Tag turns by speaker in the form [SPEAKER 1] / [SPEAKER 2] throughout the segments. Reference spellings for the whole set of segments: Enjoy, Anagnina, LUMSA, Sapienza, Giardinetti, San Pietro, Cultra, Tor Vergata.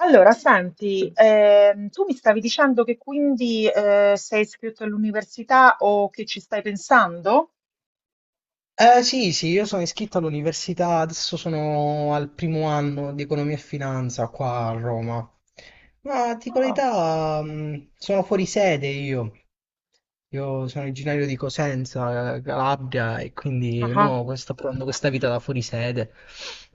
[SPEAKER 1] Allora, senti, tu mi stavi dicendo che quindi sei iscritto all'università o che ci stai pensando?
[SPEAKER 2] Sì, sì, io sono iscritto all'università, adesso sono al primo anno di economia e finanza qua a Roma. Ma ti dico la
[SPEAKER 1] Ah,
[SPEAKER 2] verità, sono fuori sede io. Io sono originario di Cosenza, Calabria, e quindi
[SPEAKER 1] ah.
[SPEAKER 2] mo sto provando questa vita da fuori sede.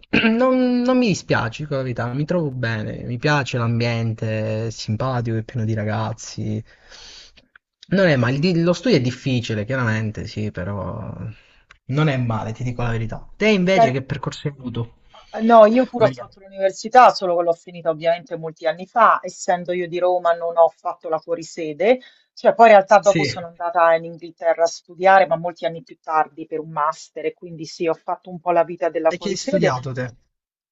[SPEAKER 2] Non mi dispiace, dico la verità, mi trovo bene, mi piace l'ambiente, è simpatico, è pieno di ragazzi. Non è male, lo studio è difficile, chiaramente, sì, però non è male, ti dico la verità. Te invece
[SPEAKER 1] Sen-
[SPEAKER 2] che percorso hai avuto,
[SPEAKER 1] No, io pure ho
[SPEAKER 2] Maria?
[SPEAKER 1] fatto l'università, solo che l'ho finita ovviamente molti anni fa, essendo io di Roma non ho fatto la fuorisede, cioè poi in realtà dopo
[SPEAKER 2] Sì.
[SPEAKER 1] sono andata in Inghilterra a studiare, ma molti anni più tardi per un master, e quindi sì, ho fatto un po' la vita della
[SPEAKER 2] E che hai
[SPEAKER 1] fuorisede,
[SPEAKER 2] studiato te?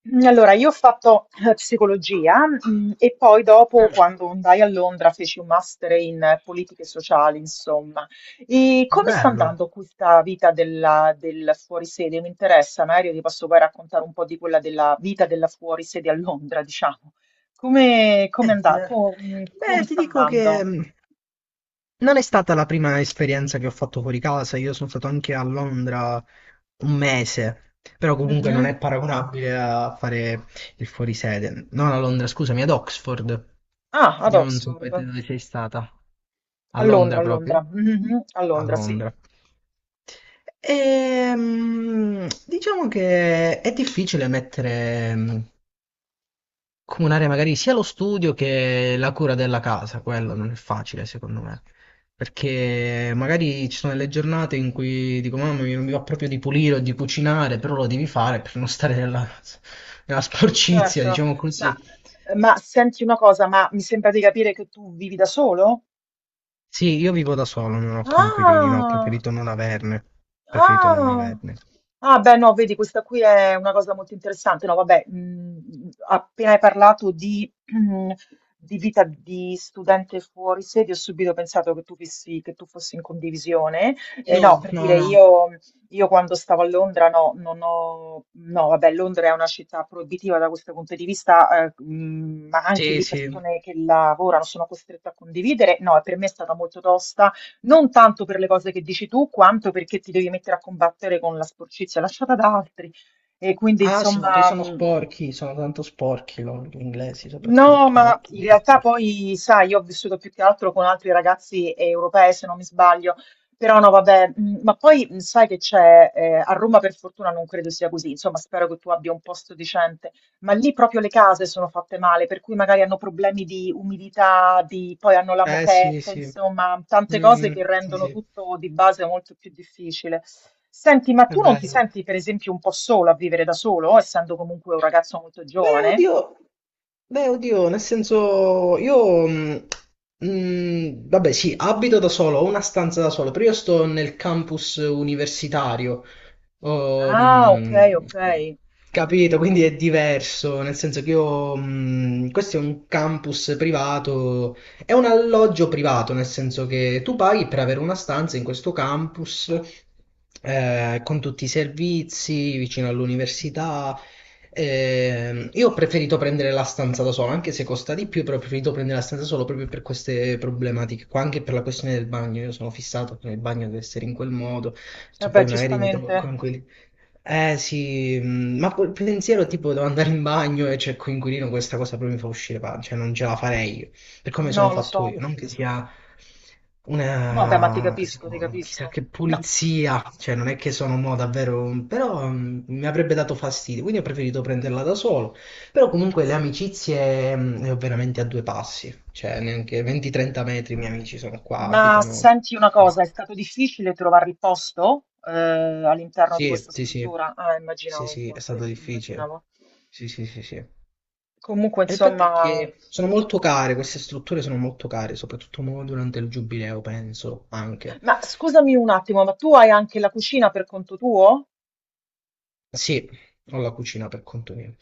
[SPEAKER 1] Mhmm, allora io ho fatto psicologia, e poi dopo
[SPEAKER 2] Mm.
[SPEAKER 1] quando andai a Londra feci un master in politiche sociali, insomma. E come sta
[SPEAKER 2] Bello.
[SPEAKER 1] andando questa vita del fuori sede? Mi interessa, magari ti posso poi raccontare un po' di quella della vita della fuori sede a Londra, diciamo. Come come anda
[SPEAKER 2] Eh,
[SPEAKER 1] co mhmm, come
[SPEAKER 2] Beh, ti
[SPEAKER 1] sta
[SPEAKER 2] dico che
[SPEAKER 1] andando?
[SPEAKER 2] non è stata la prima esperienza che ho fatto fuori casa. Io sono stato anche a Londra un mese, però comunque non
[SPEAKER 1] Mh-mh.
[SPEAKER 2] è paragonabile a fare il fuorisede. Non a Londra, scusami, ad Oxford.
[SPEAKER 1] Ah, ad
[SPEAKER 2] Io non so
[SPEAKER 1] Oxford.
[SPEAKER 2] poi te dove sei stata. A
[SPEAKER 1] A Londra,
[SPEAKER 2] Londra
[SPEAKER 1] a Londra.
[SPEAKER 2] proprio?
[SPEAKER 1] Mh-mh, a
[SPEAKER 2] A
[SPEAKER 1] Londra, sì.
[SPEAKER 2] Londra. Diciamo che è difficile mettere, comunare magari sia lo studio che la cura della casa, quello non è facile secondo me, perché magari ci sono delle giornate in cui dico mamma mia, non mi va proprio di pulire o di cucinare, però lo devi fare per non stare nella, nella sporcizia,
[SPEAKER 1] Certo,
[SPEAKER 2] diciamo
[SPEAKER 1] ma,
[SPEAKER 2] così.
[SPEAKER 1] ma senti una cosa, ma mi sembra di capire che tu vivi da solo?
[SPEAKER 2] Sì, io vivo da solo, non ho coinquilini, no, ho
[SPEAKER 1] Ah!
[SPEAKER 2] preferito non averne, preferito non
[SPEAKER 1] Ah!
[SPEAKER 2] averne.
[SPEAKER 1] Ah beh no, vedi questa qui è una cosa molto interessante. No vabbè, appena hai parlato di di vita di studente fuori sede, ho subito pensato che tu fossi in condivisione. E no,
[SPEAKER 2] No,
[SPEAKER 1] per
[SPEAKER 2] no,
[SPEAKER 1] dire
[SPEAKER 2] no.
[SPEAKER 1] io quando stavo a Londra no, non ho no vabbè, Londra è una città proibitiva da questo punto di vista, ma anche
[SPEAKER 2] Sì,
[SPEAKER 1] lì
[SPEAKER 2] sì.
[SPEAKER 1] persone che lavorano sono costrette a condividere. No, e per me è stata molto tosta non tanto per le cose che dici tu, quanto perché ti devi mettere a combattere con la sporcizia lasciata da altri. E quindi,
[SPEAKER 2] Ah sì, ma poi
[SPEAKER 1] insomma,
[SPEAKER 2] sono
[SPEAKER 1] mh,
[SPEAKER 2] sporchi, sono tanto sporchi loro, gli inglesi
[SPEAKER 1] No,
[SPEAKER 2] soprattutto,
[SPEAKER 1] ma
[SPEAKER 2] molto
[SPEAKER 1] in
[SPEAKER 2] molto
[SPEAKER 1] realtà
[SPEAKER 2] sporchi.
[SPEAKER 1] poi, sai, io ho vissuto più che altro con altri ragazzi europei, se non mi sbaglio, però no, vabbè, ma poi sai che c'è, a Roma per fortuna non credo sia così, insomma, spero che tu abbia un posto decente, ma lì proprio le case sono fatte male, per cui magari hanno problemi di umidità, poi hanno la
[SPEAKER 2] Eh sì,
[SPEAKER 1] moquette,
[SPEAKER 2] sì.
[SPEAKER 1] insomma, tante cose
[SPEAKER 2] Mm,
[SPEAKER 1] che
[SPEAKER 2] sì,
[SPEAKER 1] rendono
[SPEAKER 2] sì,
[SPEAKER 1] tutto di base molto più difficile. Senti, ma
[SPEAKER 2] è
[SPEAKER 1] tu non ti
[SPEAKER 2] bello.
[SPEAKER 1] senti per esempio un po' solo a vivere da solo, essendo comunque un ragazzo molto
[SPEAKER 2] Beh,
[SPEAKER 1] giovane?
[SPEAKER 2] oddio, beh, oddio, nel senso, io, vabbè, sì, abito da solo, ho una stanza da solo, però io sto nel campus universitario, Oh,
[SPEAKER 1] Ah, ok, ok.
[SPEAKER 2] capito? Quindi è diverso, nel senso che io, questo è un campus privato, è un alloggio privato, nel senso che tu paghi per avere una stanza in questo campus, con tutti i servizi, vicino all'università. Io ho preferito prendere la stanza da solo, anche se costa di più, però ho preferito prendere la stanza da solo proprio per queste problematiche qua, anche per la questione del bagno. Io sono fissato che il bagno deve essere in quel modo, so,
[SPEAKER 1] Vabbè,
[SPEAKER 2] poi magari mi trovo con
[SPEAKER 1] giustamente.
[SPEAKER 2] quei eh sì, ma quel pensiero tipo devo andare in bagno e c'è il coinquilino, questa cosa proprio mi fa uscire pancia, cioè non ce la farei io, per come sono
[SPEAKER 1] No, lo
[SPEAKER 2] fatto io,
[SPEAKER 1] so.
[SPEAKER 2] non che sia
[SPEAKER 1] No, beh, ma ti
[SPEAKER 2] una
[SPEAKER 1] capisco, ti
[SPEAKER 2] diciamo, chissà
[SPEAKER 1] capisco.
[SPEAKER 2] che
[SPEAKER 1] No,
[SPEAKER 2] pulizia, cioè non è che sono mo davvero, però mi avrebbe dato fastidio, quindi ho preferito prenderla da solo, però comunque le amicizie le ho veramente a due passi, cioè neanche 20-30 metri i miei amici sono qua,
[SPEAKER 1] ma
[SPEAKER 2] abitano
[SPEAKER 1] senti una
[SPEAKER 2] qua.
[SPEAKER 1] cosa, è stato difficile trovare il posto all'interno di
[SPEAKER 2] Sì,
[SPEAKER 1] questa
[SPEAKER 2] sì, sì.
[SPEAKER 1] struttura? Ah,
[SPEAKER 2] Sì,
[SPEAKER 1] immaginavo,
[SPEAKER 2] sì, è stato
[SPEAKER 1] infatti,
[SPEAKER 2] difficile.
[SPEAKER 1] immaginavo.
[SPEAKER 2] Sì, sì, sì, sì. E
[SPEAKER 1] Comunque,
[SPEAKER 2] il fatto è
[SPEAKER 1] insomma.
[SPEAKER 2] che sono molto care, queste strutture sono molto care, soprattutto mo durante il giubileo, penso, anche.
[SPEAKER 1] Ma scusami un attimo, ma tu hai anche la cucina per conto tuo?
[SPEAKER 2] Sì, ho la cucina per conto mio.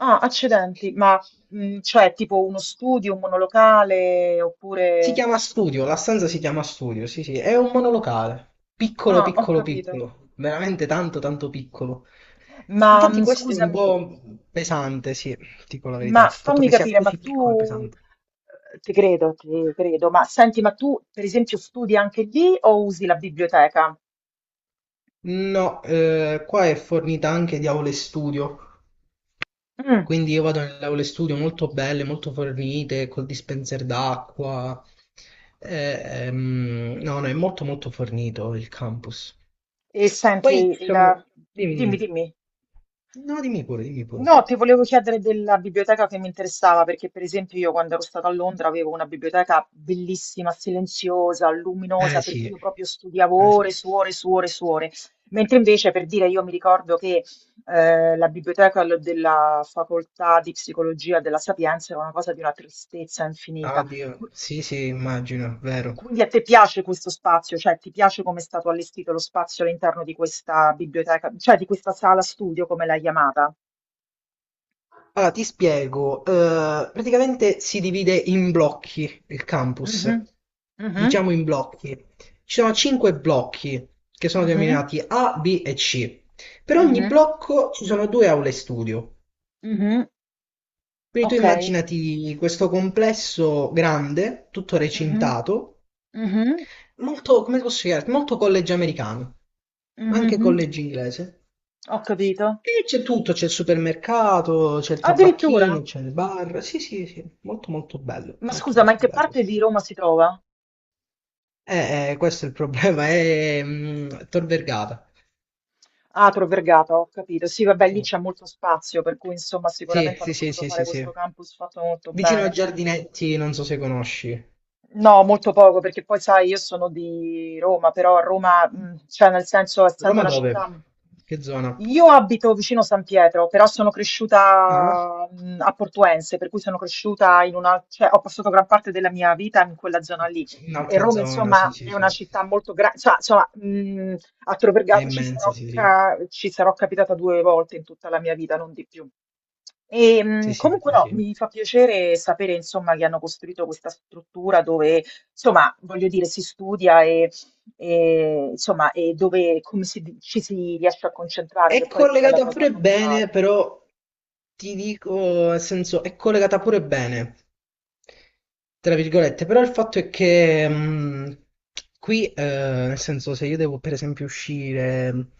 [SPEAKER 1] Ah, accidenti, ma cioè tipo uno studio, un monolocale,
[SPEAKER 2] Si
[SPEAKER 1] oppure.
[SPEAKER 2] chiama studio, la stanza si chiama studio, sì, sì, è un monolocale, piccolo,
[SPEAKER 1] Ah, ho
[SPEAKER 2] piccolo,
[SPEAKER 1] capito.
[SPEAKER 2] piccolo, veramente tanto, tanto piccolo.
[SPEAKER 1] Ma
[SPEAKER 2] Infatti questo è un
[SPEAKER 1] scusami,
[SPEAKER 2] po' pesante, sì, dico la verità,
[SPEAKER 1] ma
[SPEAKER 2] il fatto
[SPEAKER 1] fammi
[SPEAKER 2] che sia
[SPEAKER 1] capire, ma
[SPEAKER 2] così piccolo è
[SPEAKER 1] tu,
[SPEAKER 2] pesante.
[SPEAKER 1] ti credo, ma senti, ma tu per esempio studi anche lì o usi la biblioteca?
[SPEAKER 2] No, qua è fornita anche di aule studio,
[SPEAKER 1] Mm.
[SPEAKER 2] quindi io vado nelle aule studio molto belle, molto fornite, col dispenser d'acqua. Eh, no, no, è molto molto fornito il campus.
[SPEAKER 1] E
[SPEAKER 2] Poi
[SPEAKER 1] senti,
[SPEAKER 2] ci sono... Dimmi,
[SPEAKER 1] dimmi,
[SPEAKER 2] dimmi.
[SPEAKER 1] dimmi.
[SPEAKER 2] No, dimmi pure, dimmi pure.
[SPEAKER 1] No, ti volevo chiedere della biblioteca che mi interessava, perché per esempio io quando ero stata a Londra avevo una biblioteca bellissima, silenziosa, luminosa,
[SPEAKER 2] Eh
[SPEAKER 1] per
[SPEAKER 2] sì,
[SPEAKER 1] cui io proprio studiavo
[SPEAKER 2] eh sì.
[SPEAKER 1] ore su ore su ore su ore. Mentre invece, per dire, io mi ricordo che la biblioteca della facoltà di psicologia della Sapienza era una cosa di una tristezza infinita.
[SPEAKER 2] Oddio,
[SPEAKER 1] Qu-
[SPEAKER 2] sì sì, immagino, vero.
[SPEAKER 1] Quindi a te piace questo spazio, cioè ti piace come è stato allestito lo spazio all'interno di questa biblioteca, cioè di questa sala studio, come l'hai chiamata?
[SPEAKER 2] Ah, ti spiego. Praticamente si divide in blocchi il campus.
[SPEAKER 1] Mhm, mhm,
[SPEAKER 2] Diciamo in blocchi. Ci sono cinque blocchi che sono
[SPEAKER 1] mhm,
[SPEAKER 2] denominati A, B e C. Per ogni
[SPEAKER 1] mhm,
[SPEAKER 2] blocco ci sono due aule studio.
[SPEAKER 1] mhm.
[SPEAKER 2] Quindi tu
[SPEAKER 1] Ok.
[SPEAKER 2] immaginati questo complesso grande, tutto
[SPEAKER 1] Mhm,
[SPEAKER 2] recintato,
[SPEAKER 1] mhm,
[SPEAKER 2] molto, come posso spiegarti, molto college americano, anche
[SPEAKER 1] mhm.
[SPEAKER 2] college inglese.
[SPEAKER 1] Ho capito.
[SPEAKER 2] E c'è tutto, c'è il supermercato, c'è il
[SPEAKER 1] Addirittura.
[SPEAKER 2] tabacchino, c'è il bar. Sì, sì, sì,
[SPEAKER 1] Ma
[SPEAKER 2] molto
[SPEAKER 1] scusa, ma
[SPEAKER 2] molto
[SPEAKER 1] in che
[SPEAKER 2] bello,
[SPEAKER 1] parte
[SPEAKER 2] sì,
[SPEAKER 1] di
[SPEAKER 2] sì.
[SPEAKER 1] Roma si trova?
[SPEAKER 2] Questo è il problema, è Tor Vergata.
[SPEAKER 1] Ah, Tor Vergata, ho capito. Sì, vabbè, lì c'è molto spazio, per cui insomma
[SPEAKER 2] Sì,
[SPEAKER 1] sicuramente
[SPEAKER 2] sì,
[SPEAKER 1] hanno
[SPEAKER 2] sì,
[SPEAKER 1] potuto
[SPEAKER 2] sì,
[SPEAKER 1] fare
[SPEAKER 2] sì, sì.
[SPEAKER 1] questo campus fatto molto
[SPEAKER 2] Vicino a
[SPEAKER 1] bene.
[SPEAKER 2] Giardinetti, non so se conosci.
[SPEAKER 1] No, molto poco, perché poi sai, io sono di Roma, però a Roma, cioè nel senso, essendo
[SPEAKER 2] Roma
[SPEAKER 1] una
[SPEAKER 2] dove?
[SPEAKER 1] città.
[SPEAKER 2] Che zona?
[SPEAKER 1] Io abito vicino San Pietro, però sono
[SPEAKER 2] Ah?
[SPEAKER 1] cresciuta a Portuense, per cui sono cresciuta in una, cioè ho passato gran parte della mia vita in quella zona lì. E
[SPEAKER 2] Un'altra
[SPEAKER 1] Roma,
[SPEAKER 2] zona, sì,
[SPEAKER 1] insomma,
[SPEAKER 2] sì,
[SPEAKER 1] è una
[SPEAKER 2] sì.
[SPEAKER 1] città molto grande, cioè, insomma, a Tor
[SPEAKER 2] È
[SPEAKER 1] Vergata ci
[SPEAKER 2] immenso,
[SPEAKER 1] sarò,
[SPEAKER 2] sì, sì.
[SPEAKER 1] ca- ci sarò capitata due volte in tutta la mia vita, non di più. E,
[SPEAKER 2] Sì, sì,
[SPEAKER 1] comunque
[SPEAKER 2] sì,
[SPEAKER 1] no,
[SPEAKER 2] sì.
[SPEAKER 1] mi fa piacere sapere insomma che hanno costruito questa struttura dove insomma voglio dire si studia e, insomma e dove come ci si riesce a concentrare,
[SPEAKER 2] È
[SPEAKER 1] che poi quella è la
[SPEAKER 2] collegata
[SPEAKER 1] cosa
[SPEAKER 2] pure bene,
[SPEAKER 1] fondale.
[SPEAKER 2] però ti dico, nel senso, è collegata pure bene, tra virgolette, però il fatto è che qui, nel senso, se io devo per esempio uscire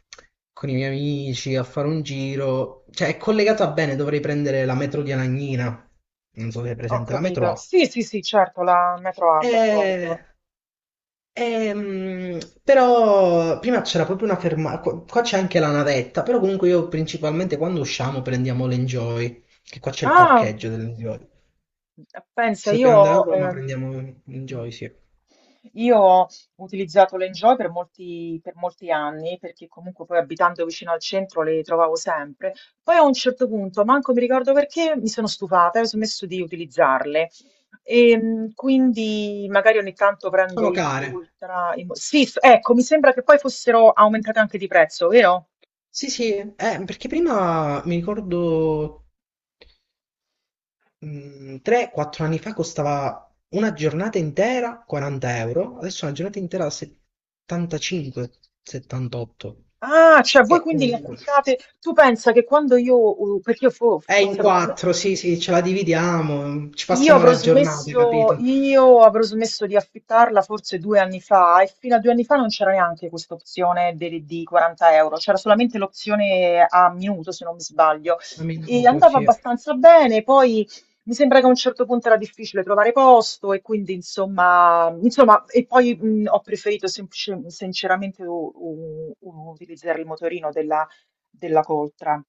[SPEAKER 2] con i miei amici a fare un giro, cioè è collegata bene, dovrei prendere la metro di Anagnina, non so se è
[SPEAKER 1] Ho
[SPEAKER 2] presente, la metro
[SPEAKER 1] capito.
[SPEAKER 2] A.
[SPEAKER 1] Sì, sì, sì, certo, la metro A,
[SPEAKER 2] Eh,
[SPEAKER 1] d'accordo.
[SPEAKER 2] ehm, Però prima c'era proprio una fermata, qua c'è anche la navetta, però comunque io principalmente quando usciamo prendiamo l'Enjoy, che qua c'è il
[SPEAKER 1] Ah,
[SPEAKER 2] parcheggio dell'Enjoy.
[SPEAKER 1] pensa,
[SPEAKER 2] Se
[SPEAKER 1] io
[SPEAKER 2] dobbiamo andare a
[SPEAKER 1] ho,
[SPEAKER 2] Roma
[SPEAKER 1] ehm,
[SPEAKER 2] prendiamo l'Enjoy, sì.
[SPEAKER 1] io ho utilizzato le Enjoy per molti anni, perché comunque poi abitando vicino al centro le trovavo sempre. Poi a un certo punto, manco mi ricordo perché, mi sono stufata e ho smesso di utilizzarle. E, quindi magari ogni tanto prendo
[SPEAKER 2] Sono
[SPEAKER 1] il
[SPEAKER 2] care.
[SPEAKER 1] Cultra. Sì, ecco, mi sembra che poi fossero aumentate anche di prezzo, vero?
[SPEAKER 2] Sì, sì, perché prima mi ricordo 3-4 anni fa costava una giornata intera 40 euro, adesso una giornata intera 75-78.
[SPEAKER 1] Ah, cioè voi
[SPEAKER 2] Che
[SPEAKER 1] quindi li
[SPEAKER 2] comunque
[SPEAKER 1] affittate. Tu pensa che quando io, perché
[SPEAKER 2] è in
[SPEAKER 1] forse
[SPEAKER 2] 4, sì, sì, ce la dividiamo, ci
[SPEAKER 1] io
[SPEAKER 2] passiamo
[SPEAKER 1] avrò
[SPEAKER 2] la giornata,
[SPEAKER 1] smesso,
[SPEAKER 2] capito?
[SPEAKER 1] io avrò smesso di affittarla forse 2 anni fa e fino a 2 anni fa non c'era neanche questa opzione di 40 euro, c'era solamente l'opzione a minuto se non mi sbaglio
[SPEAKER 2] Un
[SPEAKER 1] e
[SPEAKER 2] minuto,
[SPEAKER 1] andava
[SPEAKER 2] sì. Ah,
[SPEAKER 1] abbastanza bene, poi mi sembra che a un certo punto era difficile trovare posto e quindi insomma e poi ho preferito sinceramente utilizzare il motorino della Coltra.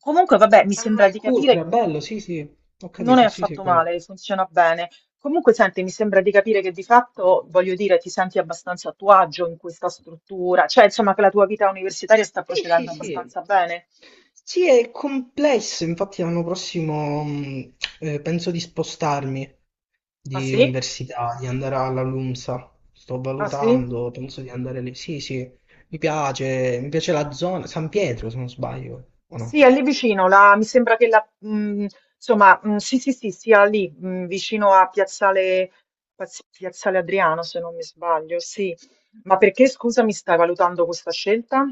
[SPEAKER 1] Comunque vabbè, mi sembra
[SPEAKER 2] il
[SPEAKER 1] di
[SPEAKER 2] Cultra,
[SPEAKER 1] capire
[SPEAKER 2] bello, sì, sì, ho
[SPEAKER 1] non è
[SPEAKER 2] capito, sì, sì,
[SPEAKER 1] affatto
[SPEAKER 2] qual è.
[SPEAKER 1] male, funziona bene. Comunque, senti, mi sembra di capire che di fatto, voglio dire, ti senti abbastanza a tuo agio in questa struttura, cioè insomma che la tua vita universitaria sta
[SPEAKER 2] Sì, sì,
[SPEAKER 1] procedendo
[SPEAKER 2] sì.
[SPEAKER 1] abbastanza bene.
[SPEAKER 2] Sì, è complesso, infatti l'anno prossimo penso di spostarmi.
[SPEAKER 1] Ah
[SPEAKER 2] Di
[SPEAKER 1] sì?
[SPEAKER 2] università, di andare alla LUMSA. Sto
[SPEAKER 1] Ah sì?
[SPEAKER 2] valutando, penso di andare lì. Sì, sì, mi piace la zona, San Pietro se non sbaglio, o no?
[SPEAKER 1] Sì, è lì vicino, mi sembra che la, insomma, sì, sì, sì, sia lì, vicino a Piazzale, Piazzale Adriano, se non mi sbaglio, sì. Ma perché, scusa, mi stai valutando questa scelta?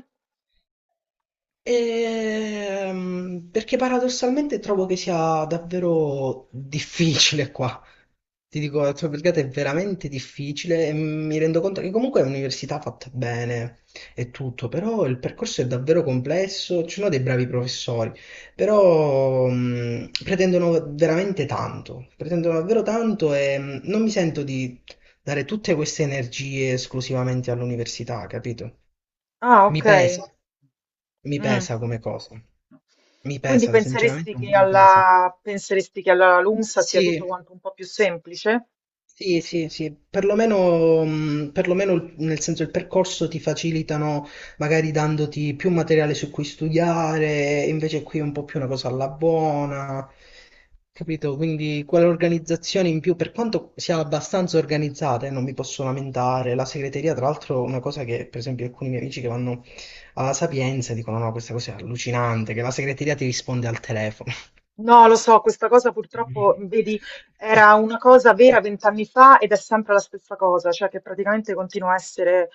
[SPEAKER 2] Perché paradossalmente trovo che sia davvero difficile qua. Ti dico, la tua brigata è veramente difficile e mi rendo conto che comunque è un'università fatta bene e tutto, però il percorso è davvero complesso, ci sono dei bravi professori, però pretendono veramente tanto, pretendono davvero tanto e non mi sento di dare tutte queste energie esclusivamente all'università, capito?
[SPEAKER 1] Ah,
[SPEAKER 2] Mi
[SPEAKER 1] ok.
[SPEAKER 2] pesa, mi
[SPEAKER 1] Mm.
[SPEAKER 2] pesa come cosa.
[SPEAKER 1] No.
[SPEAKER 2] Mi
[SPEAKER 1] Quindi
[SPEAKER 2] pesa,
[SPEAKER 1] penseresti
[SPEAKER 2] sinceramente un
[SPEAKER 1] che
[SPEAKER 2] po' mi pesa.
[SPEAKER 1] alla LUMSA sia tutto
[SPEAKER 2] Sì,
[SPEAKER 1] quanto un po' più semplice?
[SPEAKER 2] sì, sì, sì, perlomeno, perlomeno nel senso il percorso ti facilitano magari dandoti più materiale su cui studiare, invece qui è un po' più una cosa alla buona, capito? Quindi quell'organizzazione in più, per quanto sia abbastanza organizzata, non mi posso lamentare, la segreteria tra l'altro è una cosa che per esempio alcuni miei amici che vanno alla Sapienza dicono no, questa cosa è allucinante, che la segreteria ti risponde al telefono.
[SPEAKER 1] No, lo so, questa cosa purtroppo, vedi, era una cosa vera 20 anni fa ed è sempre la stessa cosa, cioè che praticamente continua a essere,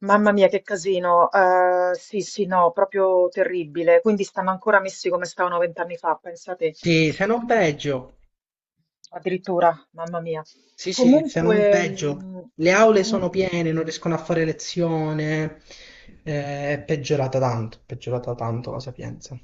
[SPEAKER 1] mamma mia, che casino, sì, sì, no, proprio terribile. Quindi stanno ancora messi come stavano 20 anni fa, pensate,
[SPEAKER 2] Sì, se non peggio.
[SPEAKER 1] addirittura, mamma mia.
[SPEAKER 2] Sì, sì, se
[SPEAKER 1] Comunque,
[SPEAKER 2] non peggio. Le aule
[SPEAKER 1] com-
[SPEAKER 2] sono piene, non riescono a fare lezione. È peggiorata tanto, è peggiorata tanto la Sapienza.